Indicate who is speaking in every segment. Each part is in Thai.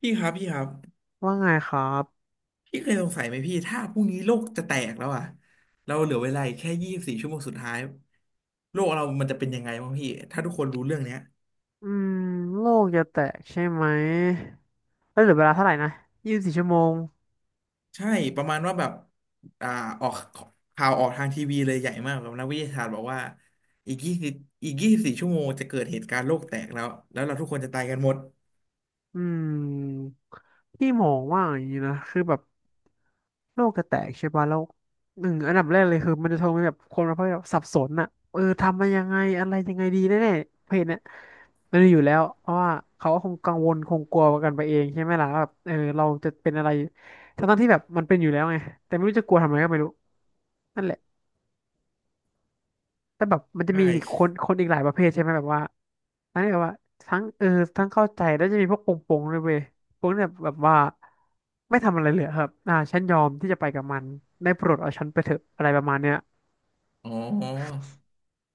Speaker 1: พี่ครับพี่ครับ
Speaker 2: ว่าไงครับ
Speaker 1: พี่เคยสงสัยไหมพี่ถ้าพรุ่งนี้โลกจะแตกแล้วอะเราเหลือเวลาอีกแค่ยี่สิบสี่ชั่วโมงสุดท้ายโลกเรามันจะเป็นยังไงบ้างพี่ถ้าทุกคนรู้เรื่องเนี้ย
Speaker 2: อืมโลกจะแตกใช่ไหมเอ้ยเหลือเวลาเท่าไหร่นะยี่สิบสี่ชั่วโมง
Speaker 1: ใช่ประมาณว่าแบบอ่าออกข่าวออกทางทีวีเลยใหญ่มากแบบนักวิทยาศาสตร์บอกว่าอีกยี่สิบอีกยี่สิบสี่ชั่วโมงจะเกิดเหตุการณ์โลกแตกแล้วแล้วเราทุกคนจะตายกันหมด
Speaker 2: อืมพี่มองว่าอย่างนี้นะ คือแบบโลกจะแตกใช่ป่ะแล้วหนึ่งอันดับแรกเลยคือมันจะทำให้แบบคนเราแบบสับสนอะ เออทำมายังไงอะไรยังไงดีแน่ๆเพจเนี่ยมันมีอยู่แล้วเพราะว่าเขาก็คงกังวลคงกลัวกันไปเองใช่ไหมล่ะว่าแบบเออเราจะเป็นอะไรทั้งๆที่แบบมันเป็นอยู่แล้วไงแต่ไม่รู้จะกลัวทำไมก็ไม่รู้นั่นแหละ แต่แบบมันจะ
Speaker 1: ใช่
Speaker 2: มีคนคนอีกหลายประเภทใช่ไหมแบบว่าอันนี้แบบว่าทั้งเออทั้งเข้าใจแล้วจะมีพวกโปงโปงด้วยเว้ยโปงเนี่ยแบบว่าไม่ทำอะไรเลยครับอ่าฉันยอมที่จะไปกับมันได้โปรดเอาฉันไปเถอะอะไรประมาณเนี้ย
Speaker 1: อ๋อ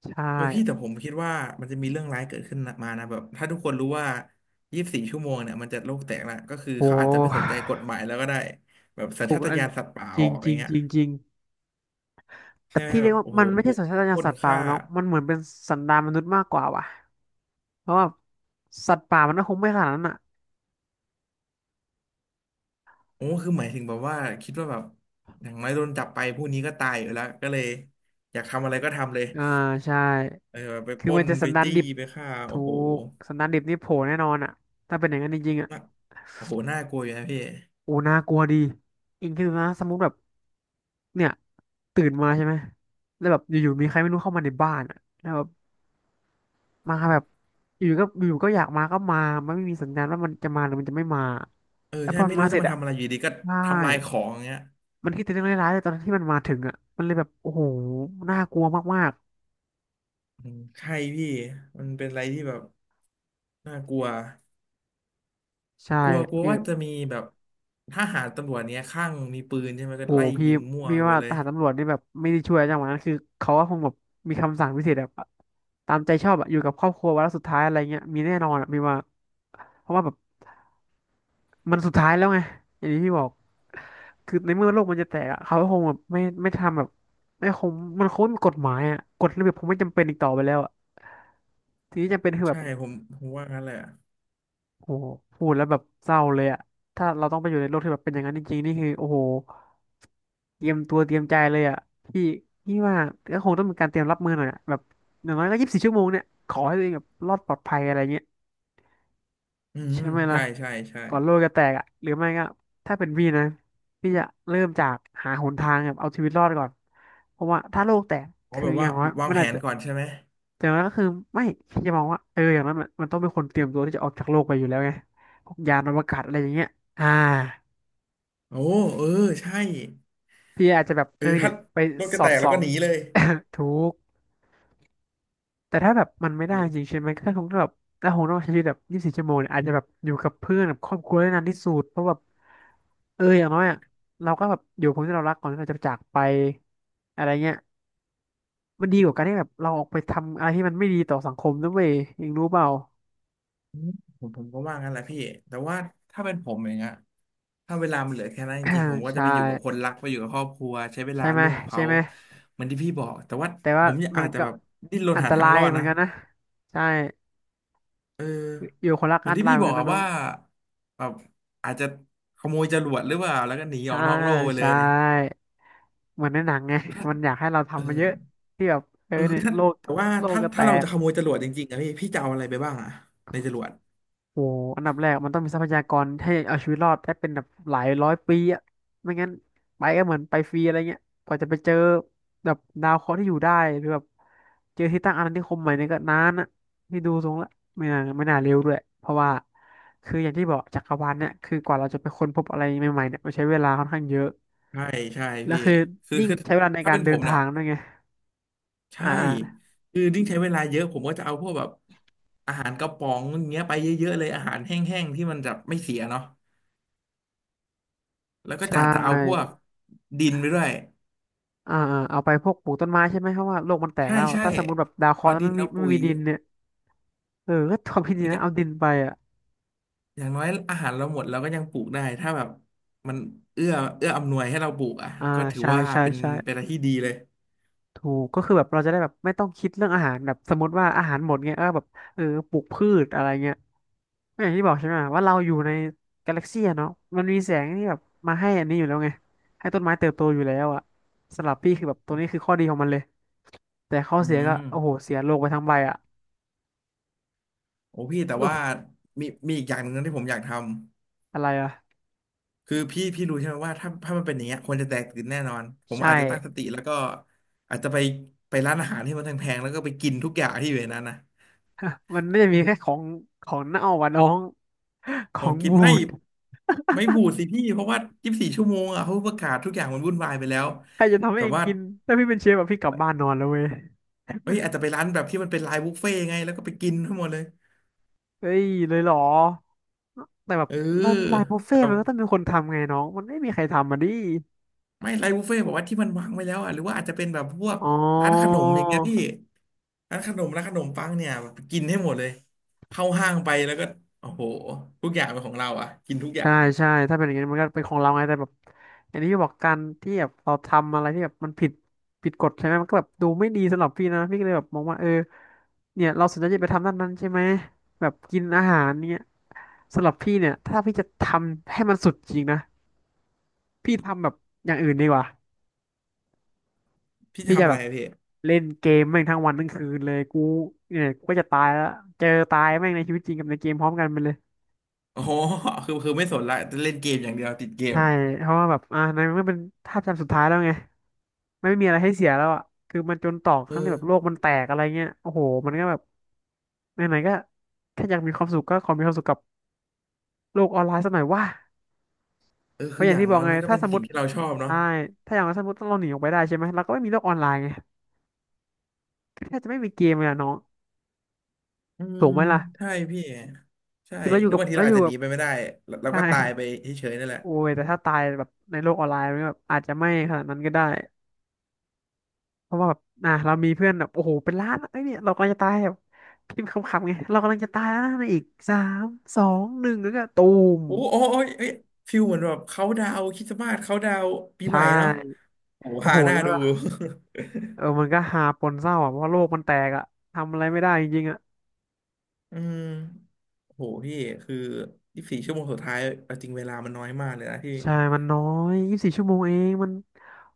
Speaker 2: ใช่
Speaker 1: เออพี่แต่ผมคิดว่ามันจะมีเรื่องร้ายเกิดขึ้นมานะแบบถ้าทุกคนรู้ว่ายี่สิบสี่ชั่วโมงเนี่ยมันจะโลกแตกละก็คือ
Speaker 2: โอ
Speaker 1: เขาอาจจะไม่สนใจ
Speaker 2: ้
Speaker 1: กฎหมายแล้วก็ได้แบบสัญ
Speaker 2: ถู
Speaker 1: ชา
Speaker 2: ก
Speaker 1: ต
Speaker 2: อัน
Speaker 1: ญาณสัตว์ป่า
Speaker 2: จ
Speaker 1: อ
Speaker 2: ริ
Speaker 1: อ
Speaker 2: ง
Speaker 1: ก
Speaker 2: จ
Speaker 1: อ
Speaker 2: ริ
Speaker 1: ย่า
Speaker 2: ง
Speaker 1: งเงี้
Speaker 2: จ
Speaker 1: ย
Speaker 2: ริงจริงแต่
Speaker 1: ใช่ไหม
Speaker 2: พี่เรี
Speaker 1: แบ
Speaker 2: ย
Speaker 1: บ
Speaker 2: กว่า
Speaker 1: โอ้โห
Speaker 2: มันไม่ใช่
Speaker 1: บุก
Speaker 2: สัญชาต
Speaker 1: ป
Speaker 2: ญาณ
Speaker 1: ล้น
Speaker 2: สัตว์ป่า
Speaker 1: ฆ่า
Speaker 2: เนาะมันเหมือนเป็นสันดานมนุษย์มากกว่าว่ะเพราะว่าสัตว์ป่ามันก็คงไม่ขนาดนั้นอ่ะ
Speaker 1: โอ้คือหมายถึงแบบว่าคิดว่าแบบอย่างน้อยโดนจับไปผู้นี้ก็ตายอยู่แล้วก็เลยอยากทำอะไรก็ทำเลย
Speaker 2: อ่าใช่
Speaker 1: เออแบบไป
Speaker 2: คื
Speaker 1: ป
Speaker 2: อ
Speaker 1: ล้
Speaker 2: มัน
Speaker 1: น
Speaker 2: จะ
Speaker 1: ไป
Speaker 2: สันดาน
Speaker 1: จี้
Speaker 2: ดิบ
Speaker 1: ไปฆ่า
Speaker 2: ถูกสันดานดิบนี่โผล่แน่นอนอ่ะถ้าเป็นอย่างนั้นจริงๆอ่ะ
Speaker 1: น่าโอ้โหน่ากลัวอยู่นะพี่
Speaker 2: โอ้น่ากลัวดีอิงคิดดูนะสมมติแบบเนี่ยตื่นมาใช่ไหม แล้วแบบอยู่ๆมีใครไม่รู้เข้ามาในบ้านอ่ะแล้วแบบมาแบบอยู่ๆก็อยู่ๆก็อยากมาก็มามันไม่มีสัญญาณว่ามันจะมาหรือมันจะไม่มา
Speaker 1: เออ
Speaker 2: แล้ว
Speaker 1: ใช่
Speaker 2: พอมั
Speaker 1: ไม่
Speaker 2: น
Speaker 1: รู้
Speaker 2: มาเส
Speaker 1: จะ
Speaker 2: ร็จ
Speaker 1: มา
Speaker 2: อ่ะ
Speaker 1: ทำอะไรอยู่ดีก็
Speaker 2: ใช่
Speaker 1: ทำลายของอย่างเงี้ย
Speaker 2: มันคิดแต่เรื่องร้ายๆเลยตอนที่มันมาถึงอ่ะมันเลยแบบโอ้โหน่ากลัวมาก
Speaker 1: อืมใช่พี่มันเป็นอะไรที่แบบน่ากลัว
Speaker 2: ๆใช่
Speaker 1: กลัวกลัวว่าจะมีแบบทหารตำรวจเนี้ยข้างมีปืนใช่ไหมก็
Speaker 2: โอ้
Speaker 1: ไล่
Speaker 2: โหพี่
Speaker 1: ยิงมั่ว
Speaker 2: พี่
Speaker 1: ไปหม
Speaker 2: ว่า
Speaker 1: ดเล
Speaker 2: ท
Speaker 1: ย
Speaker 2: หารตำรวจนี่แบบไม่ได้ช่วยจังหวะนั้นคือเขาก็คงแบบมีคำสั่งพิเศษแบบตามใจชอบอะอยู่กับครอบครัววันละสุดท้ายอะไรเงี้ยมีแน่นอนอะพี่ว่าเพราะว่าแบบมันสุดท้ายแล้วไงอย่างที่พี่บอกคือในเมื่อโลกมันจะแตกอะเขาก็คงแบบไม่ทำแบบไม่คงมันคงไม่มีกฎหมายอะกฎระเบียบคงไม่จำเป็นอีกต่อไปแล้วอะทีนี้จำเป็นคือแบ
Speaker 1: ใช่
Speaker 2: บ
Speaker 1: ผมว่างั้นแหละ
Speaker 2: โหพูดแล้วแบบเศร้าเลยอะถ้าเราต้องไปอยู่ในโลกที่แบบเป็นอย่างนั้นจริงๆนี่คือโอ้โหเตรียมตัวเตรียมใจเลยอะพี่พี่ว่าก็คงต้องมีการเตรียมรับมือหน่อยอะแบบอย่างน้อยก็ยี่สิบสี่ชั่วโมงเนี่ยขอให้ตัวเองแบบรอดปลอดภัยอะไรเงี้ย
Speaker 1: อืม
Speaker 2: ใช่ไหม
Speaker 1: ใช่
Speaker 2: ล่ะ
Speaker 1: ใช่ใช่
Speaker 2: ก่อนโลกจะแตกอะหรือไม่ก็ถ้าเป็นพี่นะพี่จะเริ่มจากหาหนทางแบบเอาชีวิตรอดก่อนเพราะว่าถ้าโลกแตก
Speaker 1: อ๋อ
Speaker 2: คือ
Speaker 1: แบบ
Speaker 2: อ
Speaker 1: ว่า
Speaker 2: ย่างน้อย
Speaker 1: วาง
Speaker 2: มัน
Speaker 1: แผ
Speaker 2: อาจ
Speaker 1: น
Speaker 2: จะ
Speaker 1: ก่อนใช่ไหม
Speaker 2: แต่ว่าก็คือไม่พี่จะมองว่าเอออย่างนั้นมันต้องเป็นคนเตรียมตัวที่จะออกจากโลกไปอยู่แล้วไงพวกยานอวกาศอะไรอย่างเงี้ยอ่า
Speaker 1: โอ้เออใช่
Speaker 2: พี่อาจจะแบบ
Speaker 1: เอ
Speaker 2: เอ
Speaker 1: อ
Speaker 2: อเนี่
Speaker 1: ถ้า
Speaker 2: ยไป
Speaker 1: รถ
Speaker 2: ส
Speaker 1: จะ
Speaker 2: อ
Speaker 1: แต
Speaker 2: ด
Speaker 1: กแล้
Speaker 2: ส่
Speaker 1: ว
Speaker 2: อ
Speaker 1: ก็
Speaker 2: ง
Speaker 1: หนีเลย
Speaker 2: ถูกแต่ถ้าแบบมันไม่ได้จริงใช่ไหมก็คงต้องแบบถ้าคงต้องใช้ชีวิตแบบยี่สิบสี่ชั่วโมงเนี่ยอาจจะแบบอยู่กับเพื่อนกับครอบครัวได้นานที่สุดเพราะแบบเอออย่างน้อยอ่ะเราก็แบบอยู่กับคนที่เรารักก่อนที่เราจะจากไปอะไรเงี้ยมันดีกว่าการที่แบบเราออกไปทำอะไรที่มันไม่ดีต่อสังคมด้วยเองรู้เปล่า
Speaker 1: อืมผมก็ว่างั้นแหละพี่แต่ว่าถ้าเป็นผมอย่างเงี้ยถ้าเวลามันเหลือแค่นั้นจริงๆผม ก็จะ
Speaker 2: ใช่
Speaker 1: ไปอยู่กับคนรักไปอยู่กับครอบครัวใช้เว
Speaker 2: ใช่
Speaker 1: ลา
Speaker 2: ไหม
Speaker 1: ร่วมกับ
Speaker 2: ใช่
Speaker 1: เขา
Speaker 2: ไหม
Speaker 1: เหมือนที่พี่บอกแต่ว่า
Speaker 2: แต่
Speaker 1: ผ
Speaker 2: ว่า
Speaker 1: มอยาก
Speaker 2: มัน
Speaker 1: อาจจะ
Speaker 2: ก็
Speaker 1: แบบดิ้นรน
Speaker 2: อัน
Speaker 1: หา
Speaker 2: ต
Speaker 1: ทาง
Speaker 2: ราย
Speaker 1: รอด
Speaker 2: เหมือน
Speaker 1: นะ
Speaker 2: กันนะใช่
Speaker 1: เออ
Speaker 2: อยู่คนรัก
Speaker 1: เหมือ
Speaker 2: อั
Speaker 1: น
Speaker 2: นต
Speaker 1: ที่
Speaker 2: ราย
Speaker 1: พี่
Speaker 2: เหมือ
Speaker 1: บ
Speaker 2: น
Speaker 1: อ
Speaker 2: กั
Speaker 1: ก
Speaker 2: น
Speaker 1: อะ
Speaker 2: นะน้อง
Speaker 1: ว่าแบบอาจจะขโมยจรวดหรือเปล่าแล้วก็หนีอ
Speaker 2: อ่า
Speaker 1: อกนอกโลกไป
Speaker 2: ใช
Speaker 1: เลย
Speaker 2: ่เหมือนในหนังไงมันอยากให้เรา
Speaker 1: เอ
Speaker 2: ทำมาเย
Speaker 1: อ
Speaker 2: อะที่แบบเออ
Speaker 1: เอคื
Speaker 2: เนี่
Speaker 1: อ
Speaker 2: ย
Speaker 1: ถ้า
Speaker 2: โลก
Speaker 1: แต่ว่า
Speaker 2: โลก
Speaker 1: ถ้า
Speaker 2: ก็แต
Speaker 1: ถ้าเรา
Speaker 2: ก
Speaker 1: จะขโมยจรวดจริงๆอะพี่จะเอาอะไรไปบ้างอะในจรวด
Speaker 2: โอ้อันดับแรกมันต้องมีทรัพยากรให้เอาชีวิตรอดได้เป็นแบบหลายร้อยปีอะไม่งั้นไปก็เหมือนไปฟรีอะไรเงี้ยกว่าจะไปเจอแบบดาวเคราะห์ที่อยู่ได้หรือแบบเจอที่ตั้งอาณานิคมใหม่เนี่ยก็นานอะนี่ดูทรงละไม่น่าเร็วด้วยเพราะว่าคืออย่างที่บอกจักรวาลเนี่ยคือกว่าเราจะไปค้นพบอะไรใหม่ๆเนี่ยมันใช้เวลาค่อนข้างเยอะ
Speaker 1: ใช่ใช่
Speaker 2: แล้ว
Speaker 1: พี่
Speaker 2: คือ
Speaker 1: คือ
Speaker 2: ยิ่ง
Speaker 1: คือ
Speaker 2: ใช้เวลาใน
Speaker 1: ถ้า
Speaker 2: การ
Speaker 1: เป็น
Speaker 2: เดิ
Speaker 1: ผ
Speaker 2: น
Speaker 1: มเนี่
Speaker 2: ทา
Speaker 1: ย
Speaker 2: งด้วยไงอ่า
Speaker 1: ใช่
Speaker 2: อ่า
Speaker 1: คือดิ้งใช้เวลาเยอะผมก็จะเอาพวกแบบอาหารกระป๋องอย่างเงี้ยไปเยอะๆเลยอาหารแห้งๆที่มันจะไม่เสียเนาะแล้วก็
Speaker 2: ใช
Speaker 1: จะเอาพวก
Speaker 2: ่
Speaker 1: ดินไปด้วย
Speaker 2: อ่าๆเอาไปพวกปลูกต้นไม้ใช่ไหมเพราะว่าโลกมันแตก
Speaker 1: ใช่
Speaker 2: แล้ว
Speaker 1: ใช่
Speaker 2: ถ้าสมมติแบบดาวเคราะ
Speaker 1: เอา
Speaker 2: ห์แล้ว
Speaker 1: ดิน
Speaker 2: ไม่มี
Speaker 1: เอา
Speaker 2: ไม่
Speaker 1: ปุ๋ย
Speaker 2: มีดินเนี่ย เออก็ความคิดดี
Speaker 1: อ
Speaker 2: นะเอา
Speaker 1: ย่า
Speaker 2: ดินไปอ่ะ
Speaker 1: อย่างน้อยอาหารเราหมดเราก็ยังปลูกได้ถ้าแบบมันเอื้อเอื้ออำนวยให้เราปลูกอ่ะ
Speaker 2: อ่า
Speaker 1: ก็ถือ
Speaker 2: ใช่
Speaker 1: ว่า
Speaker 2: ใช่
Speaker 1: เป็น
Speaker 2: ใช่
Speaker 1: เป็นอะไรที่ดีเลย
Speaker 2: ถูกก็คือแบบเราจะได้แบบไม่ต้องคิดเรื่องอาหารแบบสมมติว่าอาหารหมดเงี้ยก็แบบเออปลูกพืชอะไรเงี้ยก็อย่างที่บอกใช่ไหมว่าเราอยู่ในกาแล็กซี่เนาะมันมีแสงที่แบบมาให้อันนี้อยู่แล้วไง ให้ต้นไม้เติบโตอยู่แล้วอ่ะสำหรับพี่คือแบบตัวนี้คือข้อดีของมันเลยแต่ข้อ
Speaker 1: อื
Speaker 2: เสียก็
Speaker 1: ม
Speaker 2: โอ้โหเสียโลกไปทั้งใบอ่ะ
Speaker 1: โอ้พี่แต่
Speaker 2: โล
Speaker 1: ว่า
Speaker 2: ก
Speaker 1: มีอีกอย่างหนึ่งนะที่ผมอยากทำ
Speaker 2: อะไรอ่ะ
Speaker 1: คือพี่รู้ใช่ไหมว่าถ้ามันเป็นอย่างเงี้ยคนจะแตกตื่นแน่นอนผม
Speaker 2: ใช่
Speaker 1: อาจจะตั้งสติแล้วก็อาจจะไปร้านอาหารที่มันแพงๆแล้วก็ไปกินทุกอย่างที่อยู่ในนั้นนะ
Speaker 2: มันไม่ได้มีแค่ของเน่าอ่ะน้อง ข
Speaker 1: ผ
Speaker 2: อ
Speaker 1: ม
Speaker 2: ง
Speaker 1: คิด
Speaker 2: บู
Speaker 1: ไม่
Speaker 2: ด
Speaker 1: บูดสิพี่เพราะว่ายี่สิบสี่ชั่วโมงอ่ะเขาประกาศทุกอย่างมันวุ่นวายไปแล้ว
Speaker 2: ใครจะทำให้
Speaker 1: แบ
Speaker 2: เอ
Speaker 1: บ
Speaker 2: ง
Speaker 1: ว่า
Speaker 2: กินถ้าพี่เป็นเชฟแบบพี่กลับบ้านนอนแล้วเว้ย
Speaker 1: เอ้ยอาจจะไปร้านแบบที่มันเป็นไลน์บุฟเฟ่ต์ไงแล้วก็ไปกินทั้งหมดเลย
Speaker 2: เฮ้ยเลยเหรอแต่แบบ
Speaker 1: เออ
Speaker 2: ร้านรายบุฟเฟ่
Speaker 1: แบ
Speaker 2: ต์
Speaker 1: บ
Speaker 2: มันก็ต้องมีคนทำไงน้องมันไม่มีใครทำมาดิ
Speaker 1: ไม่ไลน์บุฟเฟ่ต์บอกว่าที่มันวางไว้แล้วอ่ะหรือว่าอาจจะเป็นแบบพวก
Speaker 2: อ๋อ
Speaker 1: ร้านขนมอย่างเงี้ยพี่ ร้านขนมร้านขนมปังเนี่ยกินให้หมดเลยเข้าห้างไปแล้วก็โอ้โหทุกอย่างเป็นของเราอ่ะกินทุกอย่า
Speaker 2: ใช่
Speaker 1: ง
Speaker 2: ใช่ถ้าเป็นอย่างนี้มันก็เป็นของเราไงแต่แบบอันนี้พี่บอกการที่แบบเราทำอะไรที่แบบมันผิดกฎใช่ไหมมันก็แบบดูไม่ดีสำหรับพี่นะพี่ก็เลยแบบมองว่าเออเนี่ยเราสนใจจะไปทำด้านนั้นใช่ไหมแบบกินอาหารเนี่ยสำหรับพี่เนี่ยถ้าพี่จะทำให้มันสุดจริงนะพี่ทำแบบอย่างอื่นดีกว่า
Speaker 1: พี่
Speaker 2: พี่จะ
Speaker 1: ทำอะ
Speaker 2: แบ
Speaker 1: ไร
Speaker 2: บ
Speaker 1: อะพี่
Speaker 2: เล่นเกมแม่งทั้งวันทั้งคืนเลยกูเนี่ยกูก็จะตายแล้วเจอตายแม่งในชีวิตจริงกับในเกมพร้อมกันไปเลย
Speaker 1: โอ้โหคือไม่สนละจะเล่นเกมอย่างเดียวติดเกม
Speaker 2: ใช่เพราะว่าแบบในเมื่อเป็นท่าจำสุดท้ายแล้วไงไม่มีอะไรให้เสียแล้วอ่ะคือมันจนตอก
Speaker 1: เออ
Speaker 2: ทั้งที่แบบโลกมันแตกอะไรเงี้ยโอ้โหมันก็แบบไหนๆก็แค่อยากมีความสุขก็ขอมีความสุขกับโลกออนไลน์สักหน่อยว่า
Speaker 1: เออ
Speaker 2: เพ
Speaker 1: คื
Speaker 2: ราะ
Speaker 1: อ
Speaker 2: อ
Speaker 1: อ
Speaker 2: ย่าง
Speaker 1: ย่าง
Speaker 2: ที่บอ
Speaker 1: น้อ
Speaker 2: ก
Speaker 1: ย
Speaker 2: ไง
Speaker 1: มันก็
Speaker 2: ถ้า
Speaker 1: เป็น
Speaker 2: สมม
Speaker 1: สิ่ง
Speaker 2: ติ
Speaker 1: ที่เราชอบเนาะ
Speaker 2: ใช่ถ้าอย่างนั้นสมมติต้องเราหนีออกไปได้ใช่ไหมเราก็ไม่มีโลกออนไลน์ไงก็แทบจะไม่มีเกมเลยอะน้อง
Speaker 1: อื
Speaker 2: ถู
Speaker 1: ม
Speaker 2: กไหมล่ะ
Speaker 1: ใช่พี่ใช่
Speaker 2: คือเราอ
Speaker 1: ห
Speaker 2: ยู่
Speaker 1: รือ
Speaker 2: กับ
Speaker 1: บางที
Speaker 2: เรา
Speaker 1: เรา
Speaker 2: อ
Speaker 1: อาจ
Speaker 2: ยู่
Speaker 1: จะห
Speaker 2: กั
Speaker 1: นี
Speaker 2: บ
Speaker 1: ไปไม่ได้เรา
Speaker 2: ใช่
Speaker 1: ก็ตายไปเฉยๆนั่นแหละ
Speaker 2: โอ้ยแต่ถ้าตายแบบในโลกออนไลน์มันก็แบบอาจจะไม่ขนาดนั้นก็ได้เพราะว่าแบบอ่ะเรามีเพื่อนแบบโอ้โหเป็นล้านอะเอ้ยเนี่ยเรากำลังจะตายแบบพิมพ์คำๆไงเรากำลังจะตายแล้วนะในอีกสามสองหนึ่งแล้วก็ตูม
Speaker 1: โอ้ยเอ้ยฟิลเหมือนแบบเขาดาวคริสต์มาสเขาดาวปี
Speaker 2: ใช่
Speaker 1: ใหม่เนาะโอ้โห
Speaker 2: โอ้
Speaker 1: ฮา
Speaker 2: โห
Speaker 1: หน้า
Speaker 2: แล้ว
Speaker 1: ดู
Speaker 2: ก็เออมันก็หาปนเศร้าอ่ะเพราะว่าโลกมันแตกอ่ะทำอะไรไม่ได้จริงๆอ่ะ
Speaker 1: อืมโหพี่คือยี่สบสี่ชั่วโมงสุดท้ายเอาจริงเวลามันน้อยมากเลยนะที่
Speaker 2: ใช่มันน้อยยี่สิบสี่ชั่วโมงเองมัน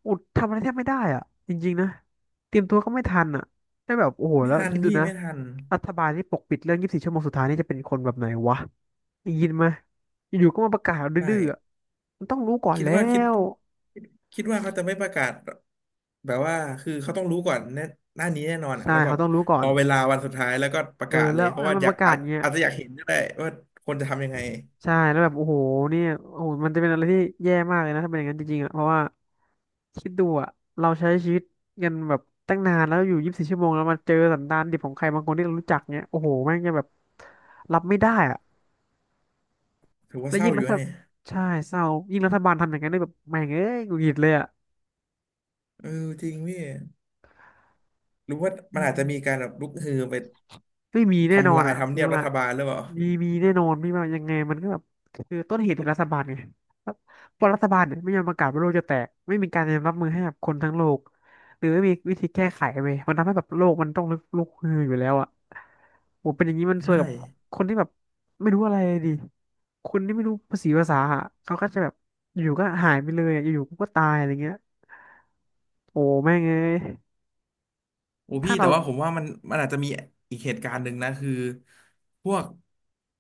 Speaker 2: อุดทำอะไรแทบไม่ได้อ่ะจริงๆนะเตรียมตัวก็ไม่ทันอ่ะได้แบบโอ้โห
Speaker 1: ไม่
Speaker 2: แล้ว
Speaker 1: ทัน
Speaker 2: คิดดู
Speaker 1: พี่
Speaker 2: นะ
Speaker 1: ไม่ทัน
Speaker 2: รัฐบาลที่ปกปิดเรื่องยี่สิบสี่ชั่วโมงสุดท้ายนี่จะเป็นคนแบบไหนวะ ได้ยินไหมาอยู่ๆก็มาประกาศ
Speaker 1: ใช
Speaker 2: ดื้อๆอะ
Speaker 1: ่
Speaker 2: มันต้องรู้ก่อน
Speaker 1: คิด
Speaker 2: แล้
Speaker 1: ว่าคิด
Speaker 2: ว
Speaker 1: คิดว่าเขาจะไม่ประกาศแบบว่าคือเขาต้องรู้ก่อนแน่หน้านี้แน่นอนอ่ะ
Speaker 2: ใช่
Speaker 1: แล้วแบ
Speaker 2: เขา
Speaker 1: บ
Speaker 2: ต้องรู้ก่อ
Speaker 1: ร
Speaker 2: น
Speaker 1: อเวลาวันสุดท้ายแล้วก็ประ
Speaker 2: เออ
Speaker 1: กาศเล
Speaker 2: แล้
Speaker 1: ย
Speaker 2: ว
Speaker 1: เพราะ
Speaker 2: แล้ว
Speaker 1: ว่า
Speaker 2: มัน
Speaker 1: อ
Speaker 2: ป
Speaker 1: ยาก
Speaker 2: ระกาศ
Speaker 1: อาจ
Speaker 2: เงี้ย
Speaker 1: อาจจะอยากเห็นก็ได้ว่าคนจะทำยังไง
Speaker 2: ใช่แล้วแบบโอ้โหเนี่ยโอ้โหมันจะเป็นอะไรที่แย่มากเลยนะถ้าเป็นอย่างนั้นจริงๆอ่ะเพราะว่าคิดดูอ่ะเราใช้ชีวิตกันแบบตั้งนานแล้วอยู่ยี่สิบสี่ชั่วโมงแล้วมาเจอสันดานดิบของใครบางคนที่เรารู้จักเนี้ยโอ้โหแม่งจะแบบรับไม่ได้อ่ะ
Speaker 1: ถือว่า
Speaker 2: แล้ว
Speaker 1: เศร้า
Speaker 2: ยิ่ง
Speaker 1: อ
Speaker 2: รั
Speaker 1: ยู่นะ
Speaker 2: ฐ
Speaker 1: เนี่ย
Speaker 2: ใช่เศร้ายิ่งรัฐบาลทำอย่างนั้นได้แบบแม่งเอ้ยหงุดหงิดเลยอ่ะ
Speaker 1: เออจริงพี่หรือว่า
Speaker 2: อื
Speaker 1: มันอาจ
Speaker 2: ม
Speaker 1: จะมีการแบบลุกฮือไป
Speaker 2: ไม่มีแน่นอ
Speaker 1: ทำ
Speaker 2: น
Speaker 1: ลาย
Speaker 2: อ่ะ
Speaker 1: ทำ
Speaker 2: พี่
Speaker 1: เนียบรั
Speaker 2: ว่า
Speaker 1: ฐบาลหรือเปล่า
Speaker 2: มีมีแน่นอนพี่ว่ายังไงมันก็แบบคือต้นเหตุคือรัฐบาลไงรัฐเพราะรัฐบาลเนี่ยไม่ยอมประกาศว่าโลกจะแตกไม่มีการเตรียมรับมือให้กับคนทั้งโลกหรือไม่มีวิธีแก้ไขเว้ยมันทำให้แบบโลกมันต้องลุกฮืออยู่แล้วอ่ะโหเป็นอย่างนี้มันซวย
Speaker 1: ใช่
Speaker 2: กับคนที่แบบไม่รู้อะไรเลยดิคนที่ไม่รู้ภาษีภาษาอะเขาก็จะแบบอยู่ก็หายไปเลยอะอยู่ๆก็ตายอะไรเงี้ยโอ้แม่งเอ้ย
Speaker 1: โอ้
Speaker 2: ถ้า
Speaker 1: พี่แต่
Speaker 2: เรา
Speaker 1: ว่าผมว่ามันอาจจะมีอีกเหตุการณ์หนึ่งนะคือพวก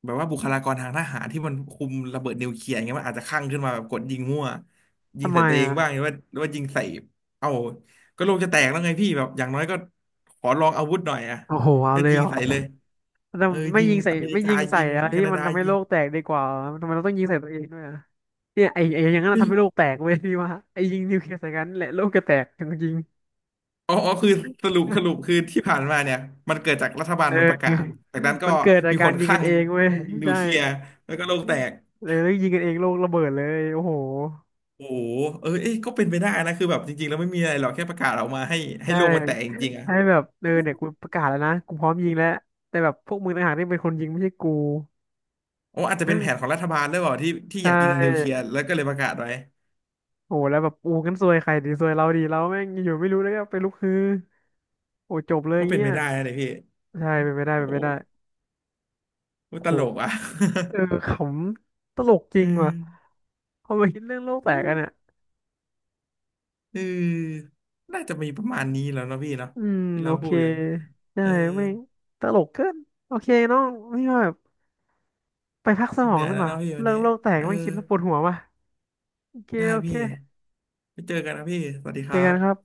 Speaker 1: แบบว่าบุคลากรทางทหารที่มันคุมระเบิดนิวเคลียร์อย่างเงี้ยมันอาจจะคลั่งขึ้นมาแบบกดยิงมั่วยิ
Speaker 2: ทำ
Speaker 1: ง
Speaker 2: ไม
Speaker 1: ใส่ตัวเอง
Speaker 2: อ่ะ
Speaker 1: บ้างหรือว่ายิงใส่เอ้าก็โลกจะแตกแล้วไงพี่แบบอย่างน้อยก็ขอลองอาวุธหน่อยอะ
Speaker 2: โอ้โหเอา
Speaker 1: ก็
Speaker 2: เลย
Speaker 1: ยิ
Speaker 2: เหร
Speaker 1: ง
Speaker 2: อ
Speaker 1: ใส่เลย
Speaker 2: แต่
Speaker 1: เออ
Speaker 2: ไม่
Speaker 1: ยิง
Speaker 2: ยิงใส่
Speaker 1: อเมริ
Speaker 2: ไม่
Speaker 1: กา
Speaker 2: ยิงใส่
Speaker 1: ยิง
Speaker 2: อะไร
Speaker 1: แค
Speaker 2: ที่
Speaker 1: นา
Speaker 2: มัน
Speaker 1: ดา
Speaker 2: ทำให้
Speaker 1: ยิ
Speaker 2: โล
Speaker 1: ง
Speaker 2: กแตกดีกว่าทำไมเราต้องยิงใส่ตัวเองด้วยอะเนี่ยไอ้อย่างนั้นนะ
Speaker 1: พี่
Speaker 2: ทำให้โลกแตกเว้ย พี่ว่าไอ้ยิงนิวเคลียร์ใส่กันแหละโลกจะแตกจริงๆ
Speaker 1: อ๋อคือสรุปคือที่ผ่านมาเนี่ยมันเกิดจากรัฐบาลมันประกาศ
Speaker 2: เออ
Speaker 1: จากนั้นก็
Speaker 2: มันเกิดจาก
Speaker 1: มี
Speaker 2: กา
Speaker 1: ค
Speaker 2: ร
Speaker 1: น
Speaker 2: ยิ
Speaker 1: ค
Speaker 2: ง
Speaker 1: ลั่
Speaker 2: กั
Speaker 1: ง
Speaker 2: นเองเว้ย
Speaker 1: ยิงนิว
Speaker 2: ใช่
Speaker 1: เคลียร์แล้วก็โลกแตก
Speaker 2: เลยแล้วยิงกันเองโลกระเบิดเลยโอ้โห
Speaker 1: โอ้โหเออเอ้ยก็เป็นไปได้นะ คือแบบจริงๆแล้วไม่มีอะไรหรอกแค่ประกาศออกมาให้ให้
Speaker 2: ใช่
Speaker 1: โลกมันแตกจริงๆอ่ะ
Speaker 2: ใช่แบบเออ
Speaker 1: โอ้
Speaker 2: เนี่ยกู
Speaker 1: โ
Speaker 2: ประกาศแล้วนะกูพร้อมยิงแล้วแต่แบบพวกมึงต่างหากที่เป็นคนยิงไม่ใช่กู
Speaker 1: อ้อาจจะเป็นแผนของรัฐบาลด้วยเปล่าที่ที่
Speaker 2: ใช
Speaker 1: อยากยิงนิวเคลี
Speaker 2: ่
Speaker 1: ยร์แล้วก็เลยประกาศไว้
Speaker 2: โอ้โหแล้วแบบอูกันซวยใครดีซวยเราดีเราแม่งอยู่ไม่รู้แล้วก็ไปลุกฮือโอ้จบเลย
Speaker 1: ก็เป็น
Speaker 2: เงี้
Speaker 1: ไป
Speaker 2: ย
Speaker 1: ได้นะเนี่ยพี่
Speaker 2: ใช่เป็นไม่ได้เป็น
Speaker 1: โอ้
Speaker 2: ไม่ได้
Speaker 1: โหต
Speaker 2: โห
Speaker 1: ลกอ่ะ
Speaker 2: เออขำตลกจ ริ
Speaker 1: เอ
Speaker 2: งว่ะ
Speaker 1: อ
Speaker 2: พอมาคิดเรื่องโลกแตกกันเนี่ย
Speaker 1: เออน่าจะมีประมาณนี้แล้วเนาะพี่เนาะ
Speaker 2: อืม
Speaker 1: ที่
Speaker 2: โอ
Speaker 1: เรา
Speaker 2: เค
Speaker 1: พูดกัน
Speaker 2: ใช่
Speaker 1: เออ
Speaker 2: ไม่งตลกเกินโอเคน้องนี่ว่าแบบไปพักสม
Speaker 1: เห
Speaker 2: อง
Speaker 1: นื่อย
Speaker 2: ดี
Speaker 1: แล้
Speaker 2: ก
Speaker 1: ว
Speaker 2: ว่า
Speaker 1: เนาะพี่วัน
Speaker 2: เรื่อ
Speaker 1: นี้
Speaker 2: งโลกแตก
Speaker 1: เออ
Speaker 2: ไม่งคิดแล้วปวดหัวว่ะโอเค
Speaker 1: ได้
Speaker 2: โอเค
Speaker 1: พี่ ไปเจอกันนะพี่สวัสดีค
Speaker 2: เจอ
Speaker 1: รั
Speaker 2: กัน
Speaker 1: บ
Speaker 2: ครับ